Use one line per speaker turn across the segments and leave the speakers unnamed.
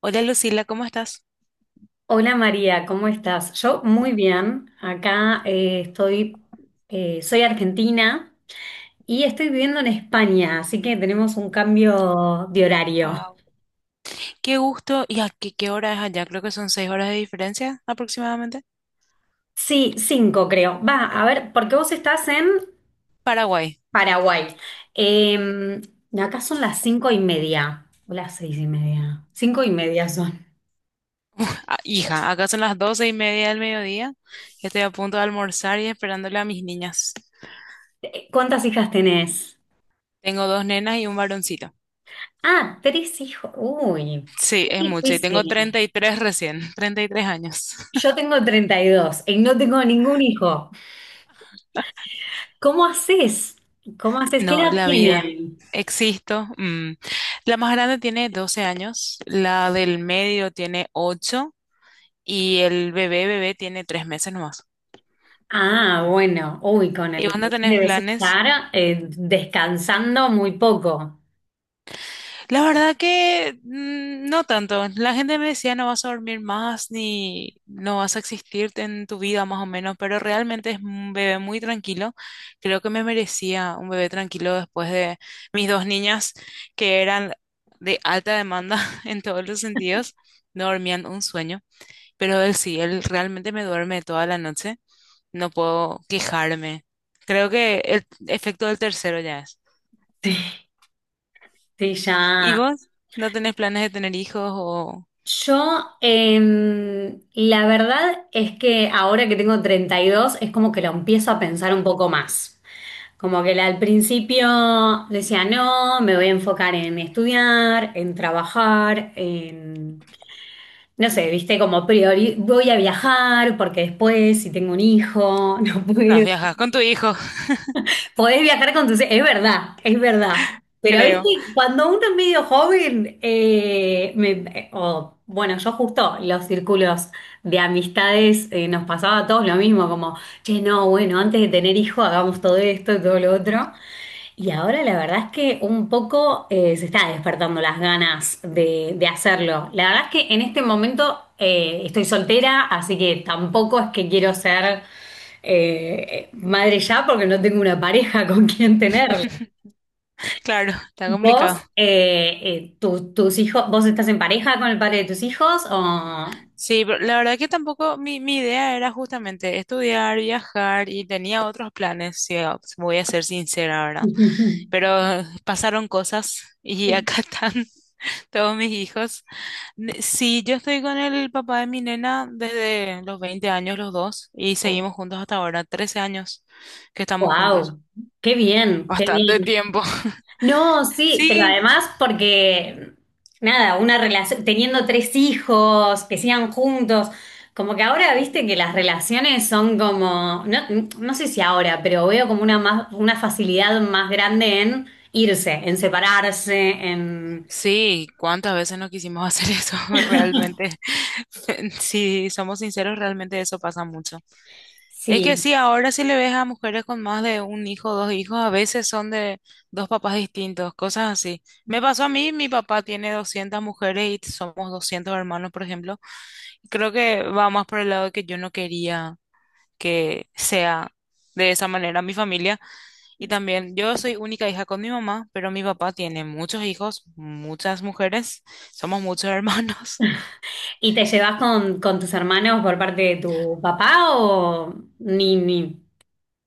Hola Lucila, ¿cómo estás?
Hola María, ¿cómo estás? Yo muy bien. Acá soy argentina y estoy viviendo en España, así que tenemos un cambio de horario.
Wow. Qué gusto. ¿Y a qué, qué hora es allá? Creo que son seis horas de diferencia aproximadamente.
Sí, cinco creo. Va, a ver, porque vos estás en
Paraguay.
Paraguay. Eh, Acá son las 5:30, o las 6:30. 5:30 son.
Ah, hija, acá son las doce y media del mediodía. Estoy a punto de almorzar y esperándole a mis niñas.
¿Cuántas hijas tenés?
Tengo dos nenas y un varoncito.
Ah, tres hijos. Uy,
Sí,
muy
es mucho. Y tengo
difícil.
33 recién, 33 años.
Yo tengo 32, y no tengo ningún hijo. ¿Cómo haces? ¿Cómo haces? ¿Qué
No,
edad
la vida.
tienen?
Existo. Mm. La más grande tiene 12 años, la del medio tiene 8 y el bebé bebé tiene 3 meses nomás.
Ah, bueno, uy, con
¿Y
el
vos no
bebé
tenés
debes
planes?
estar descansando muy poco.
La verdad que no tanto. La gente me decía no vas a dormir más ni no vas a existir en tu vida más o menos, pero realmente es un bebé muy tranquilo. Creo que me merecía un bebé tranquilo después de mis dos niñas que eran de alta demanda en todos los sentidos. No dormían un sueño, pero él sí, él realmente me duerme toda la noche. No puedo quejarme. Creo que el efecto del tercero ya es.
Sí, sí,
¿Y
ya.
vos? ¿No tenés planes de tener hijos o...?
Yo, la verdad es que ahora que tengo 32 es como que lo empiezo a pensar un poco más. Como que al principio decía, no, me voy a enfocar en estudiar, en trabajar. No sé, viste, como priori, voy a viajar porque después, si tengo un hijo, no
No,
puedo.
viajas con tu hijo,
Podés viajar con tus. Es verdad, es verdad. Pero,
creo.
viste, cuando uno es medio joven, o, bueno, yo justo los círculos de amistades nos pasaba a todos lo mismo, como, che, no, bueno, antes de tener hijo hagamos todo esto y todo lo otro. Y ahora la verdad es que un poco se está despertando las ganas de hacerlo. La verdad es que en este momento estoy soltera, así que tampoco es que quiero ser madre ya porque no tengo una pareja con quien tenerlo.
Claro, está
¿Vos,
complicado.
tus hijos, vos estás en pareja con el padre de tus hijos?
Sí, pero la verdad que tampoco mi idea era justamente estudiar, viajar y tenía otros planes, si voy a ser sincera, ¿verdad? Pero pasaron cosas y acá están todos mis hijos. Sí, yo estoy con el papá de mi nena desde los 20 años los dos y seguimos juntos hasta ahora, 13 años que estamos juntos.
Wow, qué bien, qué bien.
Bastante tiempo.
No, sí, pero
Sí,
además porque, nada, una relación, teniendo tres hijos, que sigan juntos, como que ahora viste que las relaciones son como, no, no sé si ahora, pero veo como una más, una facilidad más grande en irse, en separarse.
sí, ¿cuántas veces no quisimos hacer eso? Realmente, si somos sinceros, realmente eso pasa mucho. Es que
Sí.
sí, ahora si le ves a mujeres con más de un hijo, dos hijos, a veces son de dos papás distintos, cosas así. Me pasó a mí, mi papá tiene 200 mujeres y somos 200 hermanos, por ejemplo. Creo que va más por el lado de que yo no quería que sea de esa manera mi familia. Y también, yo soy única hija con mi mamá, pero mi papá tiene muchos hijos, muchas mujeres, somos muchos hermanos.
¿Y te llevas con tus hermanos por parte de tu papá o ni, ni?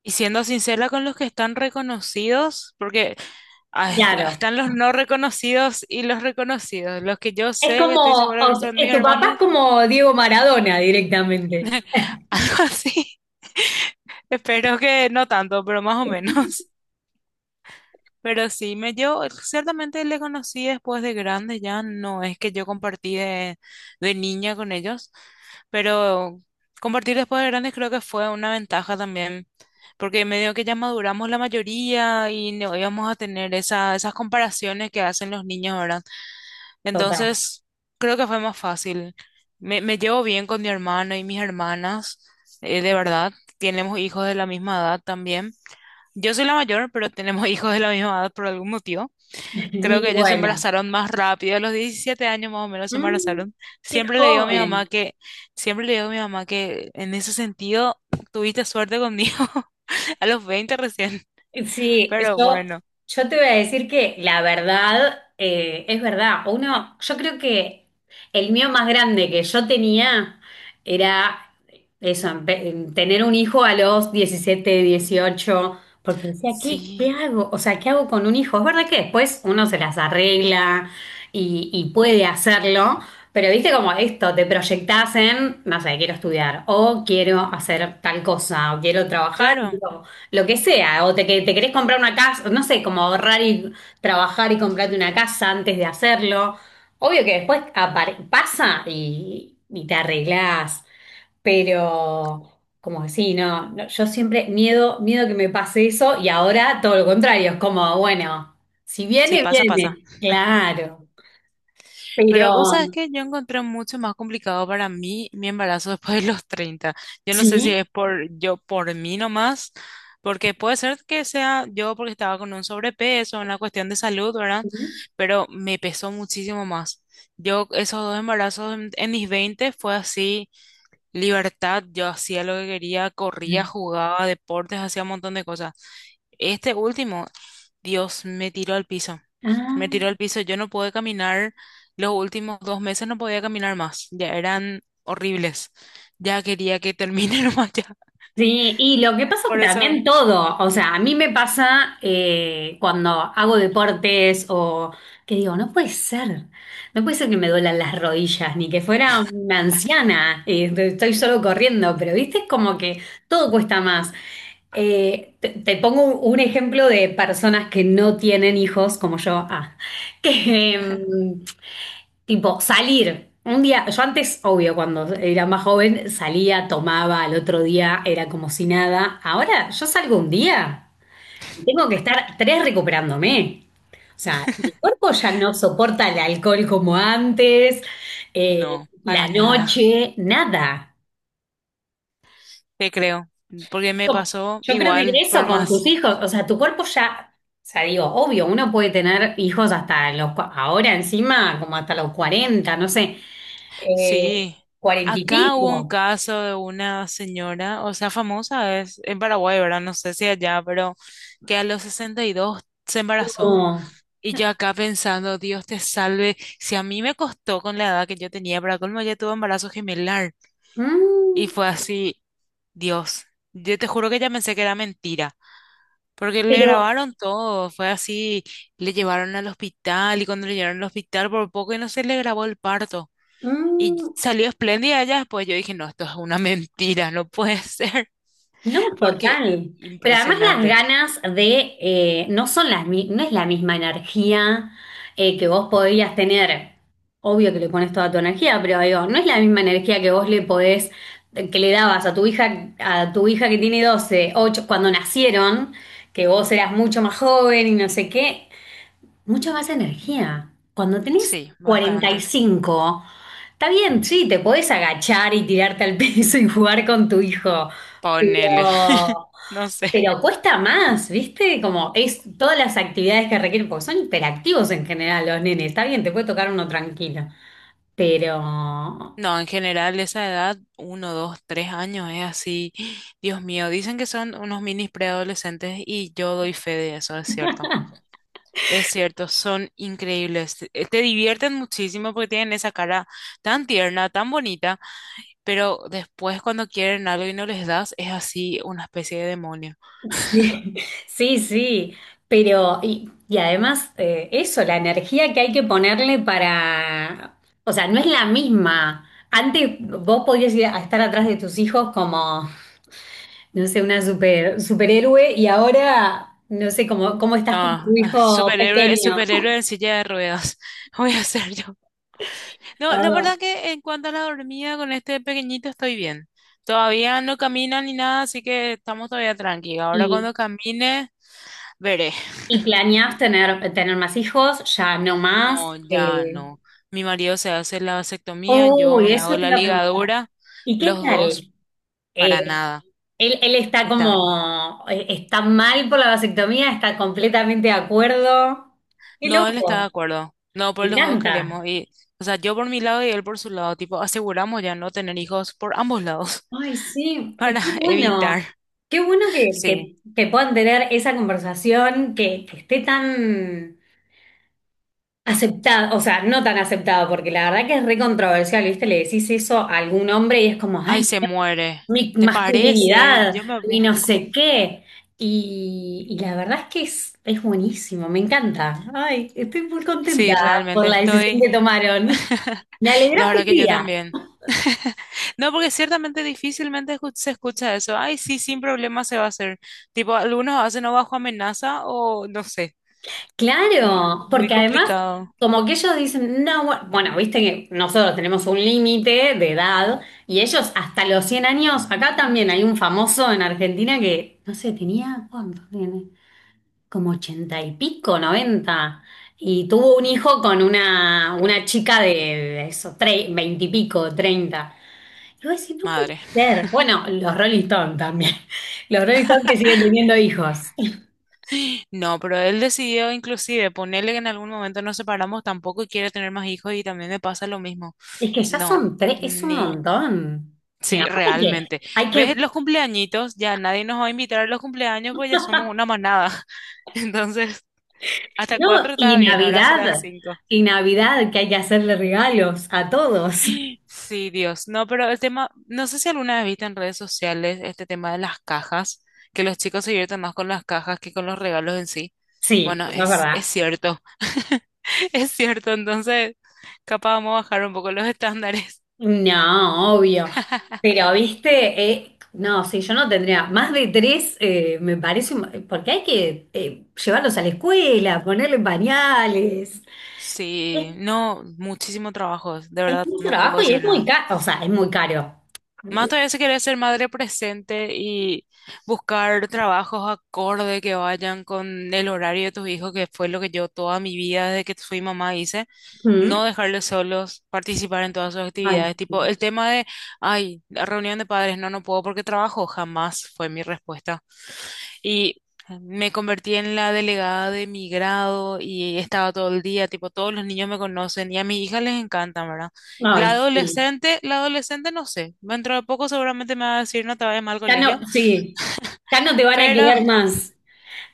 Y siendo sincera con los que están reconocidos, porque ah,
Claro.
están los no reconocidos y los reconocidos. Los que yo
Es
sé, estoy
como,
segura que son mis
tu papá es
hermanos,
como Diego Maradona directamente.
algo así. Espero que no tanto, pero más o menos. Pero sí, me yo ciertamente le conocí después de grande, ya no es que yo compartí de niña con ellos. Pero compartir después de grandes creo que fue una ventaja también, porque medio que ya maduramos la mayoría y no íbamos a tener esa, esas comparaciones que hacen los niños ahora.
Total.
Entonces, creo que fue más fácil. Me llevo bien con mi hermano y mis hermanas, de verdad. Tenemos hijos de la misma edad también. Yo soy la mayor, pero tenemos hijos de la misma edad por algún motivo. Creo
Y
que ellos se
bueno,
embarazaron más rápido, a los 17 años más o menos se
mm,
embarazaron.
qué
Siempre le digo a mi mamá
joven.
que, siempre le digo a mi mamá que en ese sentido tuviste suerte conmigo a los 20 recién.
Sí,
Pero
yo,
bueno,
yo te voy a decir que la verdad es verdad. Uno, yo creo que el mío más grande que yo tenía era eso, tener un hijo a los 17, 18, porque decía, ¿qué
sí,
hago? O sea, ¿qué hago con un hijo? Es verdad que después uno se las arregla y puede hacerlo, pero viste como esto, te proyectás en, no sé, quiero estudiar, o quiero hacer tal cosa, o quiero trabajar.
claro,
Lo que sea, o te, que te querés comprar una casa, no sé, como ahorrar y trabajar y comprarte una casa antes de hacerlo. Obvio que después pasa y te arreglás, pero como que sí, no, no, yo siempre miedo, miedo que me pase eso y ahora todo lo contrario, es como, bueno, si
si
viene,
pasa, pasa.
viene, claro,
Pero vos sabes
pero
que yo encontré mucho más complicado para mí mi embarazo después de los treinta. Yo no sé si
sí.
es por yo, por mí nomás, porque puede ser que sea yo porque estaba con un sobrepeso, una cuestión de salud, ¿verdad?
Ujú.
Pero me pesó muchísimo más. Yo, esos dos embarazos en mis 20 fue así, libertad, yo hacía lo que quería, corría, jugaba deportes, hacía un montón de cosas. Este último, Dios, me tiró al piso.
Ah.
Me tiró al piso. Yo no pude caminar. Los últimos dos meses no podía caminar más. Ya eran horribles. Ya quería que termine nomás ya.
Sí, y lo que pasa es que
Por eso,
también todo, o sea, a mí me pasa cuando hago deportes o que digo, no puede ser, no puede ser que me duelan las rodillas, ni que fuera una anciana, estoy solo corriendo, pero viste, es como que todo cuesta más. Te pongo un ejemplo de personas que no tienen hijos, como yo, ah, que, Tipo, salir. Un día, yo antes, obvio, cuando era más joven, salía, tomaba, al otro día era como si nada. Ahora yo salgo un día y tengo que estar tres recuperándome. O sea, mi cuerpo ya no soporta el alcohol como antes, eh,
no, para
la
nada.
noche, nada.
Te creo. Porque me
Yo
pasó
yo creo que
igual, por
eso con
más.
tus hijos, o sea, tu cuerpo ya, o sea, digo, obvio, uno puede tener hijos hasta los, ahora encima, como hasta los 40, no sé. Eh,
Sí.
Cuarenta y
Acá hubo un
pico.
caso de una señora, o sea, famosa, es en Paraguay, ¿verdad? No sé si allá, pero que a los 62 se embarazó.
No.
Y yo acá pensando, Dios te salve, si a mí me costó con la edad que yo tenía, para colmo ya tuve embarazo gemelar.
Mm,
Y fue así, Dios, yo te juro que ya pensé que era mentira, porque le
Pero
grabaron todo, fue así, le llevaron al hospital y cuando le llevaron al hospital por poco y no se le grabó el parto. Y
mm,
salió espléndida ella después, yo dije, no, esto es una mentira, no puede ser,
no,
porque
total. Pero además las
impresionante.
ganas de, no son las, no es la misma energía que vos podrías tener. Obvio que le pones toda tu energía, pero digo, no es la misma energía que vos le podés, que le dabas a tu hija que tiene 12 8 cuando nacieron, que vos eras mucho más joven y no sé qué. Mucha más energía. Cuando tenés
Sí,
cuarenta y
bastante.
cinco está bien, sí, te podés agachar y tirarte al piso y jugar con tu hijo,
Ponele,
pero,
no sé.
pero cuesta más, ¿viste? Como es todas las actividades que requieren, porque son hiperactivos en general los nenes, está bien, te puede tocar uno tranquilo, pero
No, en general esa edad, uno, dos, tres años, es así. Dios mío, dicen que son unos minis preadolescentes y yo doy fe de eso, es cierto. Es cierto, son increíbles. Te divierten muchísimo porque tienen esa cara tan tierna, tan bonita, pero después cuando quieren algo y no les das, es así una especie de demonio.
sí, sí, sí, pero y además eso, la energía que hay que ponerle para, o sea, no es la misma. Antes vos podías ir a estar atrás de tus hijos como, no sé, una superhéroe y ahora no sé cómo
No,
estás con tu
ah,
hijo
superhéroe,
pequeño.
superhéroe en silla de ruedas. Voy a ser yo. No, la
Ah,
verdad que en cuanto a la dormida con este pequeñito estoy bien. Todavía no camina ni nada, así que estamos todavía tranquilos. Ahora
y,
cuando camine, veré.
y planeás tener más hijos, ya no más.
No, ya no. Mi marido se hace la vasectomía, yo
Uy,
me hago
eso te
la
iba a preguntar.
ligadura.
¿Y qué
Los
tal?
dos,
Eh,
para nada,
él está
estamos.
como, está mal por la vasectomía, está completamente de acuerdo. Qué
No, él está de
loco,
acuerdo. No, pues
me
los dos
encanta.
queremos. Y, o sea, yo por mi lado y él por su lado. Tipo, aseguramos ya no tener hijos por ambos lados
Ay, sí, es
para
que
evitar.
bueno, qué bueno que,
Sí.
que puedan tener esa conversación, que esté tan aceptada, o sea, no tan aceptada, porque la verdad que es re controversial, ¿viste? Le decís eso a algún hombre y es como,
Ay,
ay,
se muere.
mi
¿Te parece?
masculinidad
Yo me
y
había...
no
cu-
sé qué. Y la verdad es que es, buenísimo, me encanta. Ay, estoy muy contenta
Sí,
por
realmente
la decisión
estoy...
que tomaron. Me
La
alegraste
verdad
el
que yo
día.
también. No, porque ciertamente difícilmente se escucha eso. Ay, sí, sin problema se va a hacer. Tipo, algunos hacen o bajo amenaza o no sé. Mm,
Claro,
muy
porque además,
complicado.
como que ellos dicen, no, bueno, viste que nosotros tenemos un límite de edad y ellos hasta los 100 años, acá también hay un famoso en Argentina que, no sé, tenía, ¿cuánto tiene? Como ochenta y pico, 90, y tuvo un hijo con una, chica de eso, veinte y pico, 30. Y vos decís, no puede
Madre.
ser. Bueno, los Rolling Stones también. Los Rolling Stones que siguen teniendo hijos.
No, pero él decidió inclusive ponerle que en algún momento nos separamos, tampoco quiere tener más hijos y también me pasa lo mismo.
Es que ya
No,
son tres, es un
ni.
montón. Y
Sí,
aparte que
realmente.
hay
¿Ves
que,
los cumpleañitos? Ya nadie nos va a invitar a los cumpleaños porque ya somos una manada. Entonces, hasta
no,
cuatro estaba
y
bien, ahora serán
Navidad,
cinco.
y Navidad que hay que hacerle regalos a todos.
Sí, Dios. No, pero el tema, no sé si alguna vez viste en redes sociales este tema de las cajas, que los chicos se divierten más con las cajas que con los regalos en sí.
Sí,
Bueno,
eso es
es
verdad.
cierto, es cierto. Entonces, capaz vamos a bajar un poco los estándares.
No, obvio. Pero, viste, no, sí, yo no tendría más de tres, me parece, porque hay que llevarlos a la escuela, ponerle pañales. Es,
Sí, no, muchísimo trabajo, de
es
verdad,
mucho
no puedo
trabajo y
decir
es muy
nada.
caro, o sea, es muy caro.
Más todavía se quiere ser madre presente y buscar trabajos acorde que vayan con el horario de tus hijos, que fue lo que yo toda mi vida desde que fui mamá hice. No
Mm.
dejarles solos, participar en todas sus
Ay,
actividades. Tipo,
sí.
el tema de, ay, la reunión de padres, no, no puedo porque trabajo, jamás fue mi respuesta. Y me convertí en la delegada de mi grado y estaba todo el día, tipo, todos los niños me conocen y a mi hija les encanta, ¿verdad?
Ay, sí.
La adolescente no sé, dentro de poco seguramente me va a decir no te vayas mal al
Ya
colegio,
no, sí, ya no te van a
pero
querer más.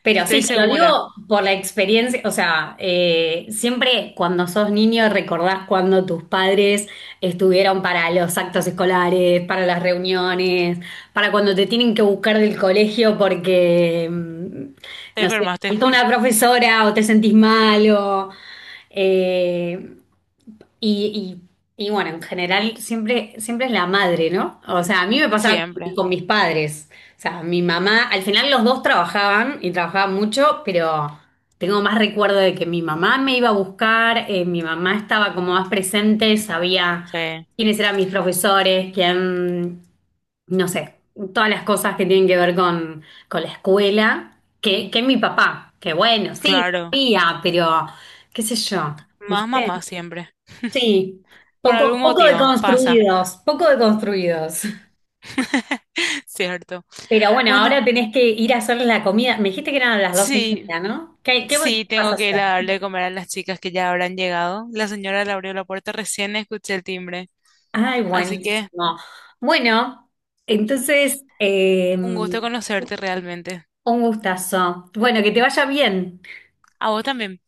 Pero
estoy
sí, te lo digo
segura,
por la experiencia, o sea, siempre cuando sos niño recordás cuando tus padres estuvieron para los actos escolares, para las reuniones, para cuando te tienen que buscar del colegio porque,
te
no sé,
enfermaste,
faltó una profesora o te sentís malo. Y, y bueno, en general siempre, siempre es la madre, ¿no? O sea, a mí me pasaba con,
siempre,
con mis padres. O sea, mi mamá, al final los dos trabajaban y trabajaban mucho, pero tengo más recuerdo de que mi mamá me iba a buscar, mi mamá estaba como más presente, sabía
sí,
quiénes eran mis profesores, quién, no sé, todas las cosas que tienen que ver con, la escuela, que mi papá, que bueno, sí,
claro,
sabía, pero qué sé yo,
más mamá
¿viste?
siempre,
Sí,
por
poco,
algún
poco de
motivo, pasa,
construidos, poco de construidos.
cierto.
Pero bueno,
Bueno,
ahora tenés que ir a hacer la comida. Me dijiste que eran a las 12 y
sí.
media, ¿no? ¿Qué bueno
Sí,
que vas a
tengo que ir
hacer?
a darle de comer a las chicas que ya habrán llegado. La señora le abrió la puerta recién, escuché el timbre.
Ay,
Así que
buenísimo. Bueno, entonces,
un gusto
un
conocerte realmente.
gustazo. Bueno, que te vaya bien.
A vos también.